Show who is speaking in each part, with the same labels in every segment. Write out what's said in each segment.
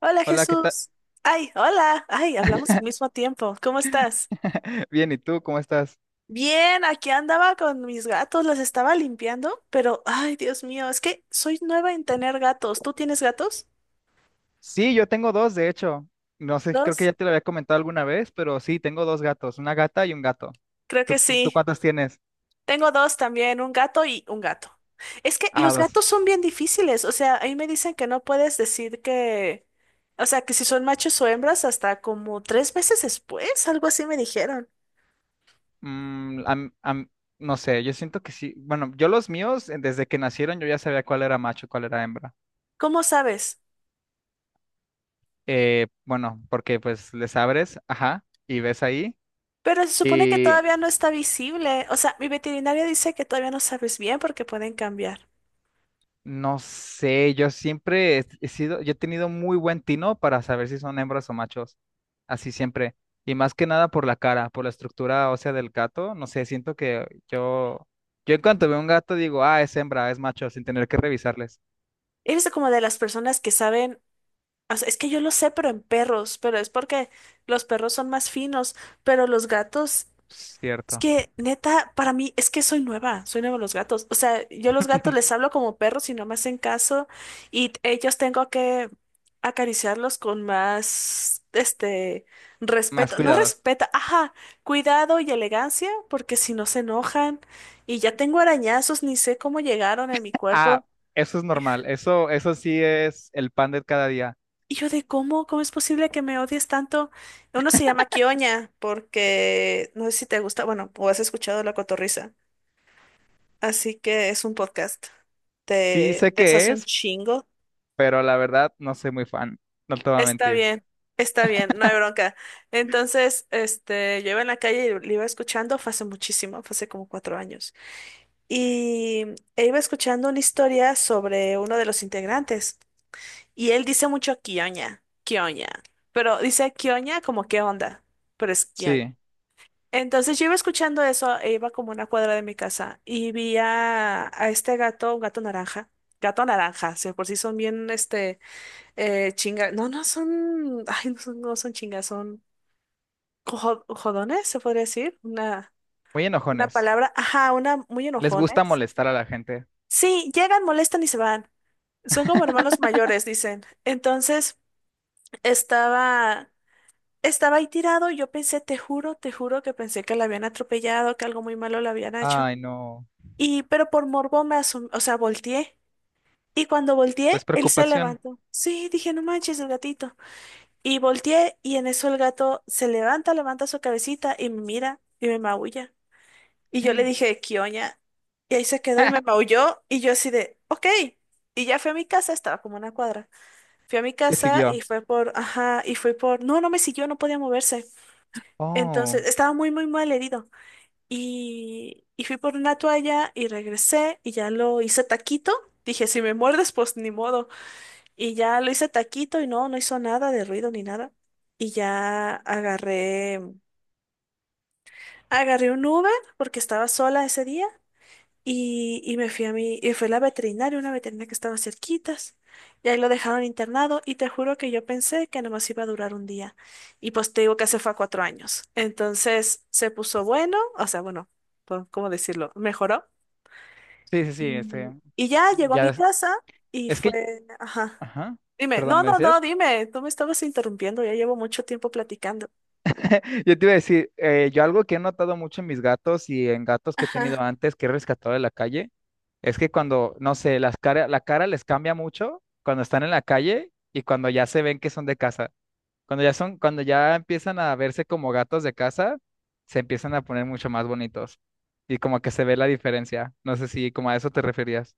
Speaker 1: Hola
Speaker 2: Hola, ¿qué tal?
Speaker 1: Jesús. Ay, hola. Ay, hablamos al mismo tiempo. ¿Cómo estás?
Speaker 2: Bien, ¿y tú cómo estás?
Speaker 1: Bien, aquí andaba con mis gatos, los estaba limpiando, pero ay, Dios mío, es que soy nueva en tener gatos. ¿Tú tienes gatos?
Speaker 2: Sí, yo tengo dos, de hecho. No sé, creo que
Speaker 1: ¿Dos?
Speaker 2: ya te lo había comentado alguna vez, pero sí, tengo dos gatos, una gata y un gato.
Speaker 1: Creo
Speaker 2: ¿Tú,
Speaker 1: que
Speaker 2: tú
Speaker 1: sí.
Speaker 2: cuántos tienes?
Speaker 1: Tengo dos también, un gato y un gato. Es que
Speaker 2: Ah,
Speaker 1: los
Speaker 2: dos.
Speaker 1: gatos son bien difíciles, o sea, ahí me dicen que no puedes decir que, o sea, que si son machos o hembras hasta como 3 meses después, algo así me dijeron.
Speaker 2: Mm, no sé, yo siento que sí. Bueno, yo los míos, desde que nacieron, yo ya sabía cuál era macho y cuál era hembra.
Speaker 1: ¿Cómo sabes?
Speaker 2: Bueno, porque pues les abres, ajá, y ves ahí.
Speaker 1: Pero se supone que todavía no está visible. O sea, mi veterinaria dice que todavía no sabes bien porque pueden cambiar.
Speaker 2: No sé, yo siempre he sido, yo he tenido muy buen tino para saber si son hembras o machos, así siempre. Y más que nada por la cara, por la estructura ósea del gato, no sé, siento que yo en cuanto veo un gato digo, ah, es hembra, es macho, sin tener que revisarles.
Speaker 1: Eres como de las personas que saben, o sea, es que yo lo sé, pero en perros, pero es porque los perros son más finos, pero los gatos... Es
Speaker 2: Cierto.
Speaker 1: que, neta, para mí, es que soy nueva a los gatos. O sea, yo a los gatos les hablo como perros y no me hacen caso y ellos tengo que acariciarlos con más,
Speaker 2: Más
Speaker 1: respeto. No
Speaker 2: cuidados.
Speaker 1: respeto, ajá, cuidado y elegancia, porque si no se enojan y ya tengo arañazos, ni sé cómo llegaron en mi cuerpo.
Speaker 2: Ah, eso es normal, eso sí es el pan de cada día.
Speaker 1: Y yo de cómo es posible que me odies tanto. Uno se llama Kioña porque no sé si te gusta, bueno, o has escuchado la cotorrisa. Así que es un podcast.
Speaker 2: Sí
Speaker 1: Te,
Speaker 2: sé
Speaker 1: te
Speaker 2: que
Speaker 1: deshace un
Speaker 2: es,
Speaker 1: chingo.
Speaker 2: pero la verdad no soy muy fan, no te voy a
Speaker 1: Está
Speaker 2: mentir.
Speaker 1: bien, está bien, no hay bronca. Entonces, yo iba en la calle y lo iba escuchando, fue hace muchísimo, fue hace como 4 años. Y E iba escuchando una historia sobre uno de los integrantes. Y él dice mucho Kioña, Kioña. Pero dice Kioña como qué onda, pero es...
Speaker 2: Sí,
Speaker 1: Entonces yo iba escuchando eso, e iba como una cuadra de mi casa y vi a este gato, un gato naranja, si por sí son bien, chinga, no, no son, ay, no son, no son chingas, son jodones, se podría decir,
Speaker 2: muy
Speaker 1: una
Speaker 2: enojones.
Speaker 1: palabra, ajá, una, muy
Speaker 2: Les gusta
Speaker 1: enojones.
Speaker 2: molestar a la gente.
Speaker 1: Sí, llegan, molestan y se van. Son como hermanos mayores, dicen. Entonces estaba, estaba ahí tirado, yo pensé, te juro que pensé que la habían atropellado, que algo muy malo le habían hecho.
Speaker 2: Ay, no.
Speaker 1: Y, pero por morbo o sea, volteé. Y cuando
Speaker 2: Pues
Speaker 1: volteé, él se
Speaker 2: preocupación.
Speaker 1: levantó. Sí, dije, no manches, el gatito. Y volteé y en eso el gato se levanta, levanta su cabecita y me mira y me maulla. Y yo le dije, Kioña. Y ahí se quedó y me maulló y yo así de, ok. Y ya fui a mi casa, estaba como una cuadra. Fui a mi
Speaker 2: ¿Qué
Speaker 1: casa y
Speaker 2: siguió?
Speaker 1: fue por, ajá, y fue por, no, no me siguió, no podía moverse.
Speaker 2: Oh,
Speaker 1: Entonces, estaba muy, muy mal herido. Y fui por una toalla y regresé y ya lo hice taquito. Dije, si me muerdes, pues ni modo. Y ya lo hice taquito y no, no hizo nada de ruido ni nada. Y ya agarré un Uber porque estaba sola ese día y me fui a mi, y fue la veterinaria, una veterinaria que estaba cerquitas. Y ahí lo dejaron internado y te juro que yo pensé que nomás iba a durar un día. Y pues te digo que hace fue a 4 años. Entonces se puso bueno, o sea, bueno, pues, ¿cómo decirlo? Mejoró.
Speaker 2: sí, sí, sí,
Speaker 1: Y ya llegó a
Speaker 2: ya,
Speaker 1: mi
Speaker 2: es
Speaker 1: casa y
Speaker 2: es que,
Speaker 1: fue, ajá.
Speaker 2: ajá,
Speaker 1: Dime,
Speaker 2: perdón,
Speaker 1: no,
Speaker 2: ¿me
Speaker 1: no, no,
Speaker 2: decías?
Speaker 1: dime, tú me estabas interrumpiendo, ya llevo mucho tiempo platicando.
Speaker 2: Yo te iba a decir, yo algo que he notado mucho en mis gatos y en gatos que he tenido
Speaker 1: Ajá.
Speaker 2: antes, que he rescatado de la calle, es que cuando, no sé, la cara les cambia mucho cuando están en la calle y cuando ya se ven que son de casa. Cuando ya son, cuando ya empiezan a verse como gatos de casa, se empiezan a poner mucho más bonitos y como que se ve la diferencia. No sé si como a eso te referías.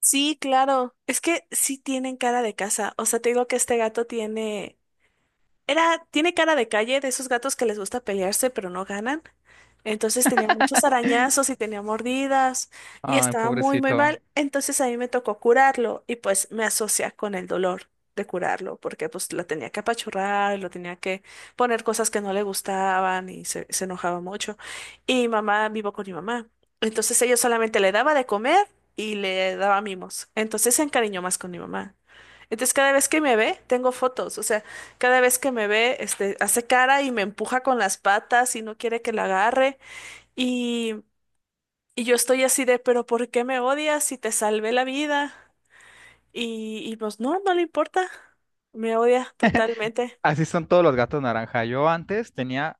Speaker 1: Sí, claro, es que sí tienen cara de casa, o sea, te digo que este gato tiene, era, tiene cara de calle, de esos gatos que les gusta pelearse pero no ganan. Entonces tenía muchos arañazos y tenía mordidas y
Speaker 2: Ay,
Speaker 1: estaba muy, muy
Speaker 2: pobrecito.
Speaker 1: mal. Entonces a mí me tocó curarlo y pues me asocia con el dolor de curarlo porque pues lo tenía que apachurrar, lo tenía que poner cosas que no le gustaban y se enojaba mucho. Y mi mamá, vivo con mi mamá. Entonces ella solamente le daba de comer y le daba mimos. Entonces se encariñó más con mi mamá. Entonces cada vez que me ve, tengo fotos, o sea, cada vez que me ve, hace cara y me empuja con las patas y no quiere que la agarre. Y, y yo estoy así de, pero ¿por qué me odias si te salvé la vida? Y pues no, no le importa. Me odia totalmente.
Speaker 2: Así son todos los gatos naranja. Yo antes tenía,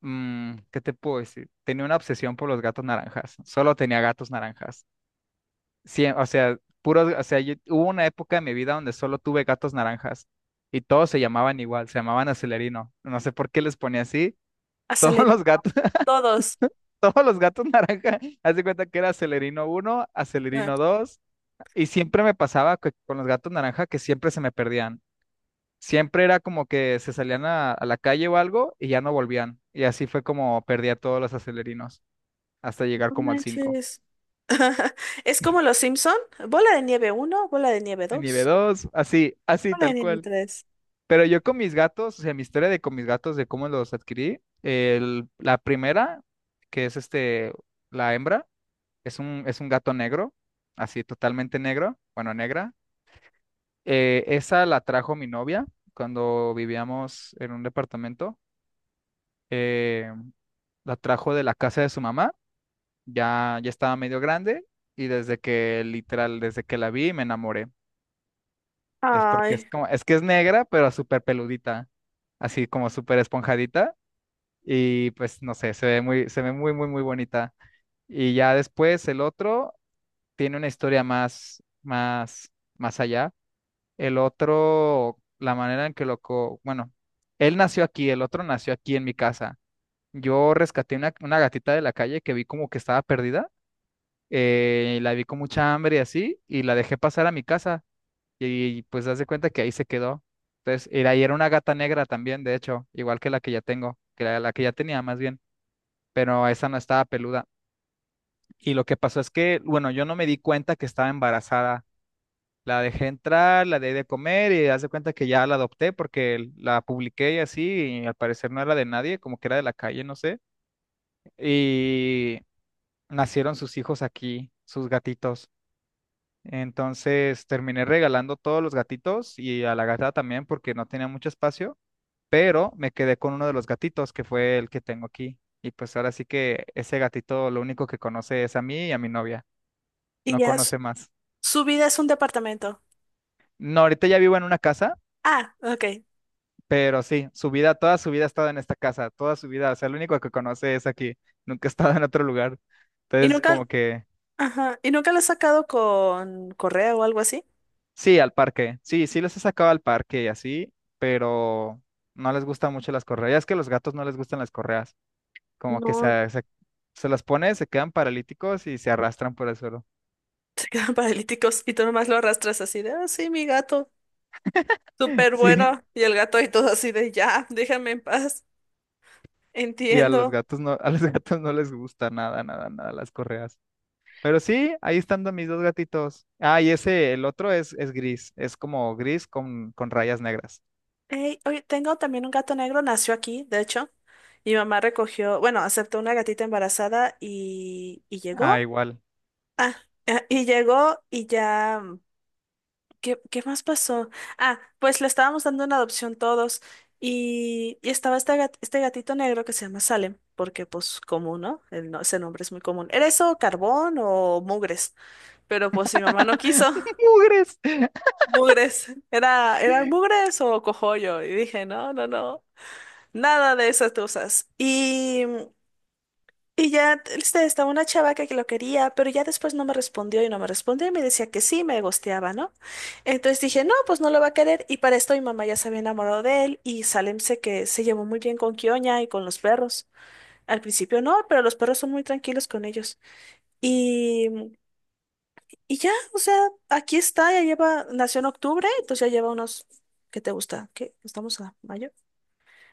Speaker 2: mm, ¿qué te puedo decir? Tenía una obsesión por los gatos naranjas. Solo tenía gatos naranjas. Sí, o sea, puros, hubo una época en mi vida donde solo tuve gatos naranjas y todos se llamaban igual, se llamaban Celerino. No sé por qué les ponía así. Todos
Speaker 1: Aceleré
Speaker 2: los gatos,
Speaker 1: todos.
Speaker 2: todos los gatos naranja, haz de cuenta que era Celerino uno,
Speaker 1: Ah,
Speaker 2: Acelerino 2 y siempre me pasaba con los gatos naranja que siempre se me perdían. Siempre era como que se salían a la calle o algo y ya no volvían. Y así fue como perdí a todos los acelerinos hasta llegar
Speaker 1: no
Speaker 2: como al cinco.
Speaker 1: manches. Es como los Simpson. Bola de nieve uno, bola de nieve
Speaker 2: En nivel
Speaker 1: dos,
Speaker 2: 2 así, así,
Speaker 1: bola de
Speaker 2: tal
Speaker 1: nieve
Speaker 2: cual.
Speaker 1: tres.
Speaker 2: Pero yo con mis gatos, o sea, mi historia de con mis gatos, de cómo los adquirí, la primera, que es este, la hembra, es es un gato negro, así totalmente negro, bueno, negra. Esa la trajo mi novia cuando vivíamos en un departamento. eh, la trajo de la casa de su mamá. Ya estaba medio grande y desde que, literal, desde que la vi me enamoré. Es porque es
Speaker 1: Ay,
Speaker 2: como, es que es negra, pero súper peludita, así como súper esponjadita. Y pues no sé, se ve muy, se ve muy bonita. Y ya después el otro tiene una historia más allá. El otro, la manera en que él nació aquí, el otro nació aquí en mi casa. Yo rescaté una gatita de la calle que vi como que estaba perdida, la vi con mucha hambre y así, y la dejé pasar a mi casa. Y, pues haz de cuenta que ahí se quedó. Entonces, ahí era una gata negra también, de hecho, igual que la que ya tengo, que la que ya tenía más bien, pero esa no estaba peluda. Y lo que pasó es que, bueno, yo no me di cuenta que estaba embarazada. La dejé entrar, la dejé de comer y haz de cuenta que ya la adopté porque la publiqué y así, y al parecer no era de nadie, como que era de la calle, no sé. Y nacieron sus hijos aquí, sus gatitos. Entonces terminé regalando todos los gatitos y a la gata también porque no tenía mucho espacio, pero me quedé con uno de los gatitos que fue el que tengo aquí. Y pues ahora sí que ese gatito lo único que conoce es a mí y a mi novia,
Speaker 1: y
Speaker 2: no
Speaker 1: ya su,
Speaker 2: conoce más.
Speaker 1: su vida es un departamento.
Speaker 2: No, ahorita ya vivo en una casa,
Speaker 1: Ah, ok.
Speaker 2: pero sí, su vida, toda su vida ha estado en esta casa, toda su vida, o sea, lo único que conoce es aquí, nunca ha estado en otro lugar.
Speaker 1: Y
Speaker 2: Entonces
Speaker 1: nunca,
Speaker 2: como que
Speaker 1: ajá, y nunca lo has sacado con correo o algo así.
Speaker 2: sí, al parque. Sí, sí los he sacado al parque y así, pero no les gustan mucho las correas. Ya es que a los gatos no les gustan las correas. Como que
Speaker 1: No.
Speaker 2: se las pone, se quedan paralíticos y se arrastran por el suelo.
Speaker 1: Se quedan paralíticos y tú nomás lo arrastras así de, ah, sí, mi gato, súper
Speaker 2: Sí,
Speaker 1: bueno. Y el gato y todo así de, ya, déjame en paz,
Speaker 2: sí, a los
Speaker 1: entiendo.
Speaker 2: gatos no, a los gatos no les gusta nada las correas. Pero sí, ahí están mis dos gatitos. Ah, y ese, el otro es gris. Es como gris con rayas negras.
Speaker 1: Ey, oye, tengo también un gato negro, nació aquí, de hecho. Mi mamá recogió, bueno, aceptó una gatita embarazada y
Speaker 2: Ah,
Speaker 1: llegó.
Speaker 2: igual.
Speaker 1: Ah, ah, y llegó y ya. ¿Qué más pasó? Ah, pues le estábamos dando una adopción todos y estaba este gatito negro que se llama Salem, porque pues común, ¿no? El no- Ese nombre es muy común. ¿Era eso carbón o mugres? Pero pues mi mamá no quiso.
Speaker 2: Mugres.
Speaker 1: Mugres. Era mugres o cogollo. Y dije, no, no, no. Nada de esas cosas. Y ya estaba una chava que lo quería, pero ya después no me respondió y no me respondió y me decía que sí, me gosteaba, ¿no? Entonces dije, no, pues no lo va a querer. Y para esto mi mamá ya se había enamorado de él y Salem sé que se llevó muy bien con Kioña y con los perros. Al principio no, pero los perros son muy tranquilos con ellos. Y, y ya, o sea, aquí está, ya lleva, nació en octubre, entonces ya lleva unos, ¿qué te gusta? ¿Qué? Estamos a mayo.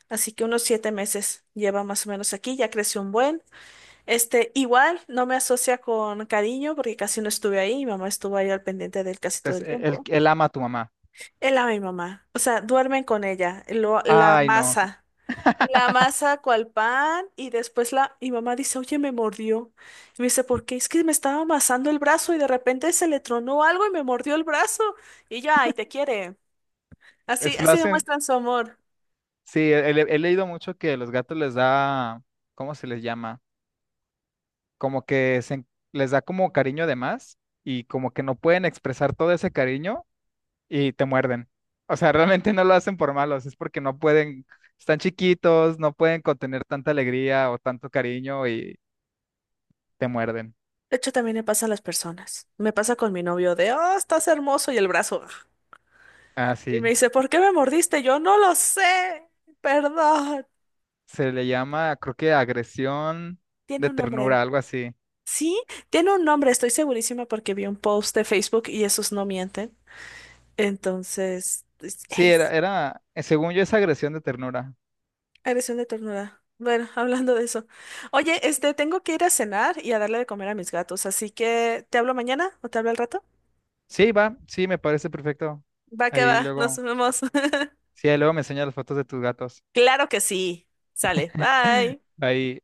Speaker 1: Así que unos 7 meses lleva más o menos aquí, ya creció un buen. Igual no me asocia con cariño porque casi no estuve ahí. Mi mamá estuvo ahí al pendiente de él casi todo el
Speaker 2: Entonces,
Speaker 1: tiempo.
Speaker 2: él ama a tu mamá.
Speaker 1: Él ama a mi mamá. O sea, duermen con ella. La
Speaker 2: Ay, no.
Speaker 1: masa. La masa cual pan y después la mi mamá dice, oye, me mordió. Y me dice, ¿por qué? Es que me estaba amasando el brazo y de repente se le tronó algo y me mordió el brazo. Y ya, ay, te quiere. Así,
Speaker 2: Es, lo
Speaker 1: así
Speaker 2: hacen.
Speaker 1: demuestran su amor.
Speaker 2: Sí, he leído mucho que los gatos les da, ¿cómo se les llama? Como que les da como cariño de más y como que no pueden expresar todo ese cariño y te muerden. O sea, realmente no lo hacen por malos, es porque no pueden, están chiquitos, no pueden contener tanta alegría o tanto cariño y te muerden.
Speaker 1: De hecho, también me pasa a las personas. Me pasa con mi novio de, oh, estás hermoso y el brazo.
Speaker 2: Ah,
Speaker 1: Y me
Speaker 2: sí,
Speaker 1: dice, ¿por qué me mordiste? Yo no lo sé. Perdón.
Speaker 2: se le llama, creo que agresión
Speaker 1: Tiene
Speaker 2: de
Speaker 1: un nombre.
Speaker 2: ternura, algo así.
Speaker 1: Sí, tiene un nombre, estoy segurísima porque vi un post de Facebook y esos no mienten. Entonces,
Speaker 2: Sí,
Speaker 1: es
Speaker 2: según yo es agresión de ternura.
Speaker 1: agresión de ternura. Bueno, hablando de eso. Oye, tengo que ir a cenar y a darle de comer a mis gatos, así que ¿te hablo mañana o te hablo al rato?
Speaker 2: Sí, va, sí, me parece perfecto.
Speaker 1: Va que va,
Speaker 2: Ahí
Speaker 1: nos
Speaker 2: luego.
Speaker 1: vemos.
Speaker 2: Sí, ahí luego me enseñas las fotos de tus gatos.
Speaker 1: Claro que sí. Sale, bye.
Speaker 2: Ahí,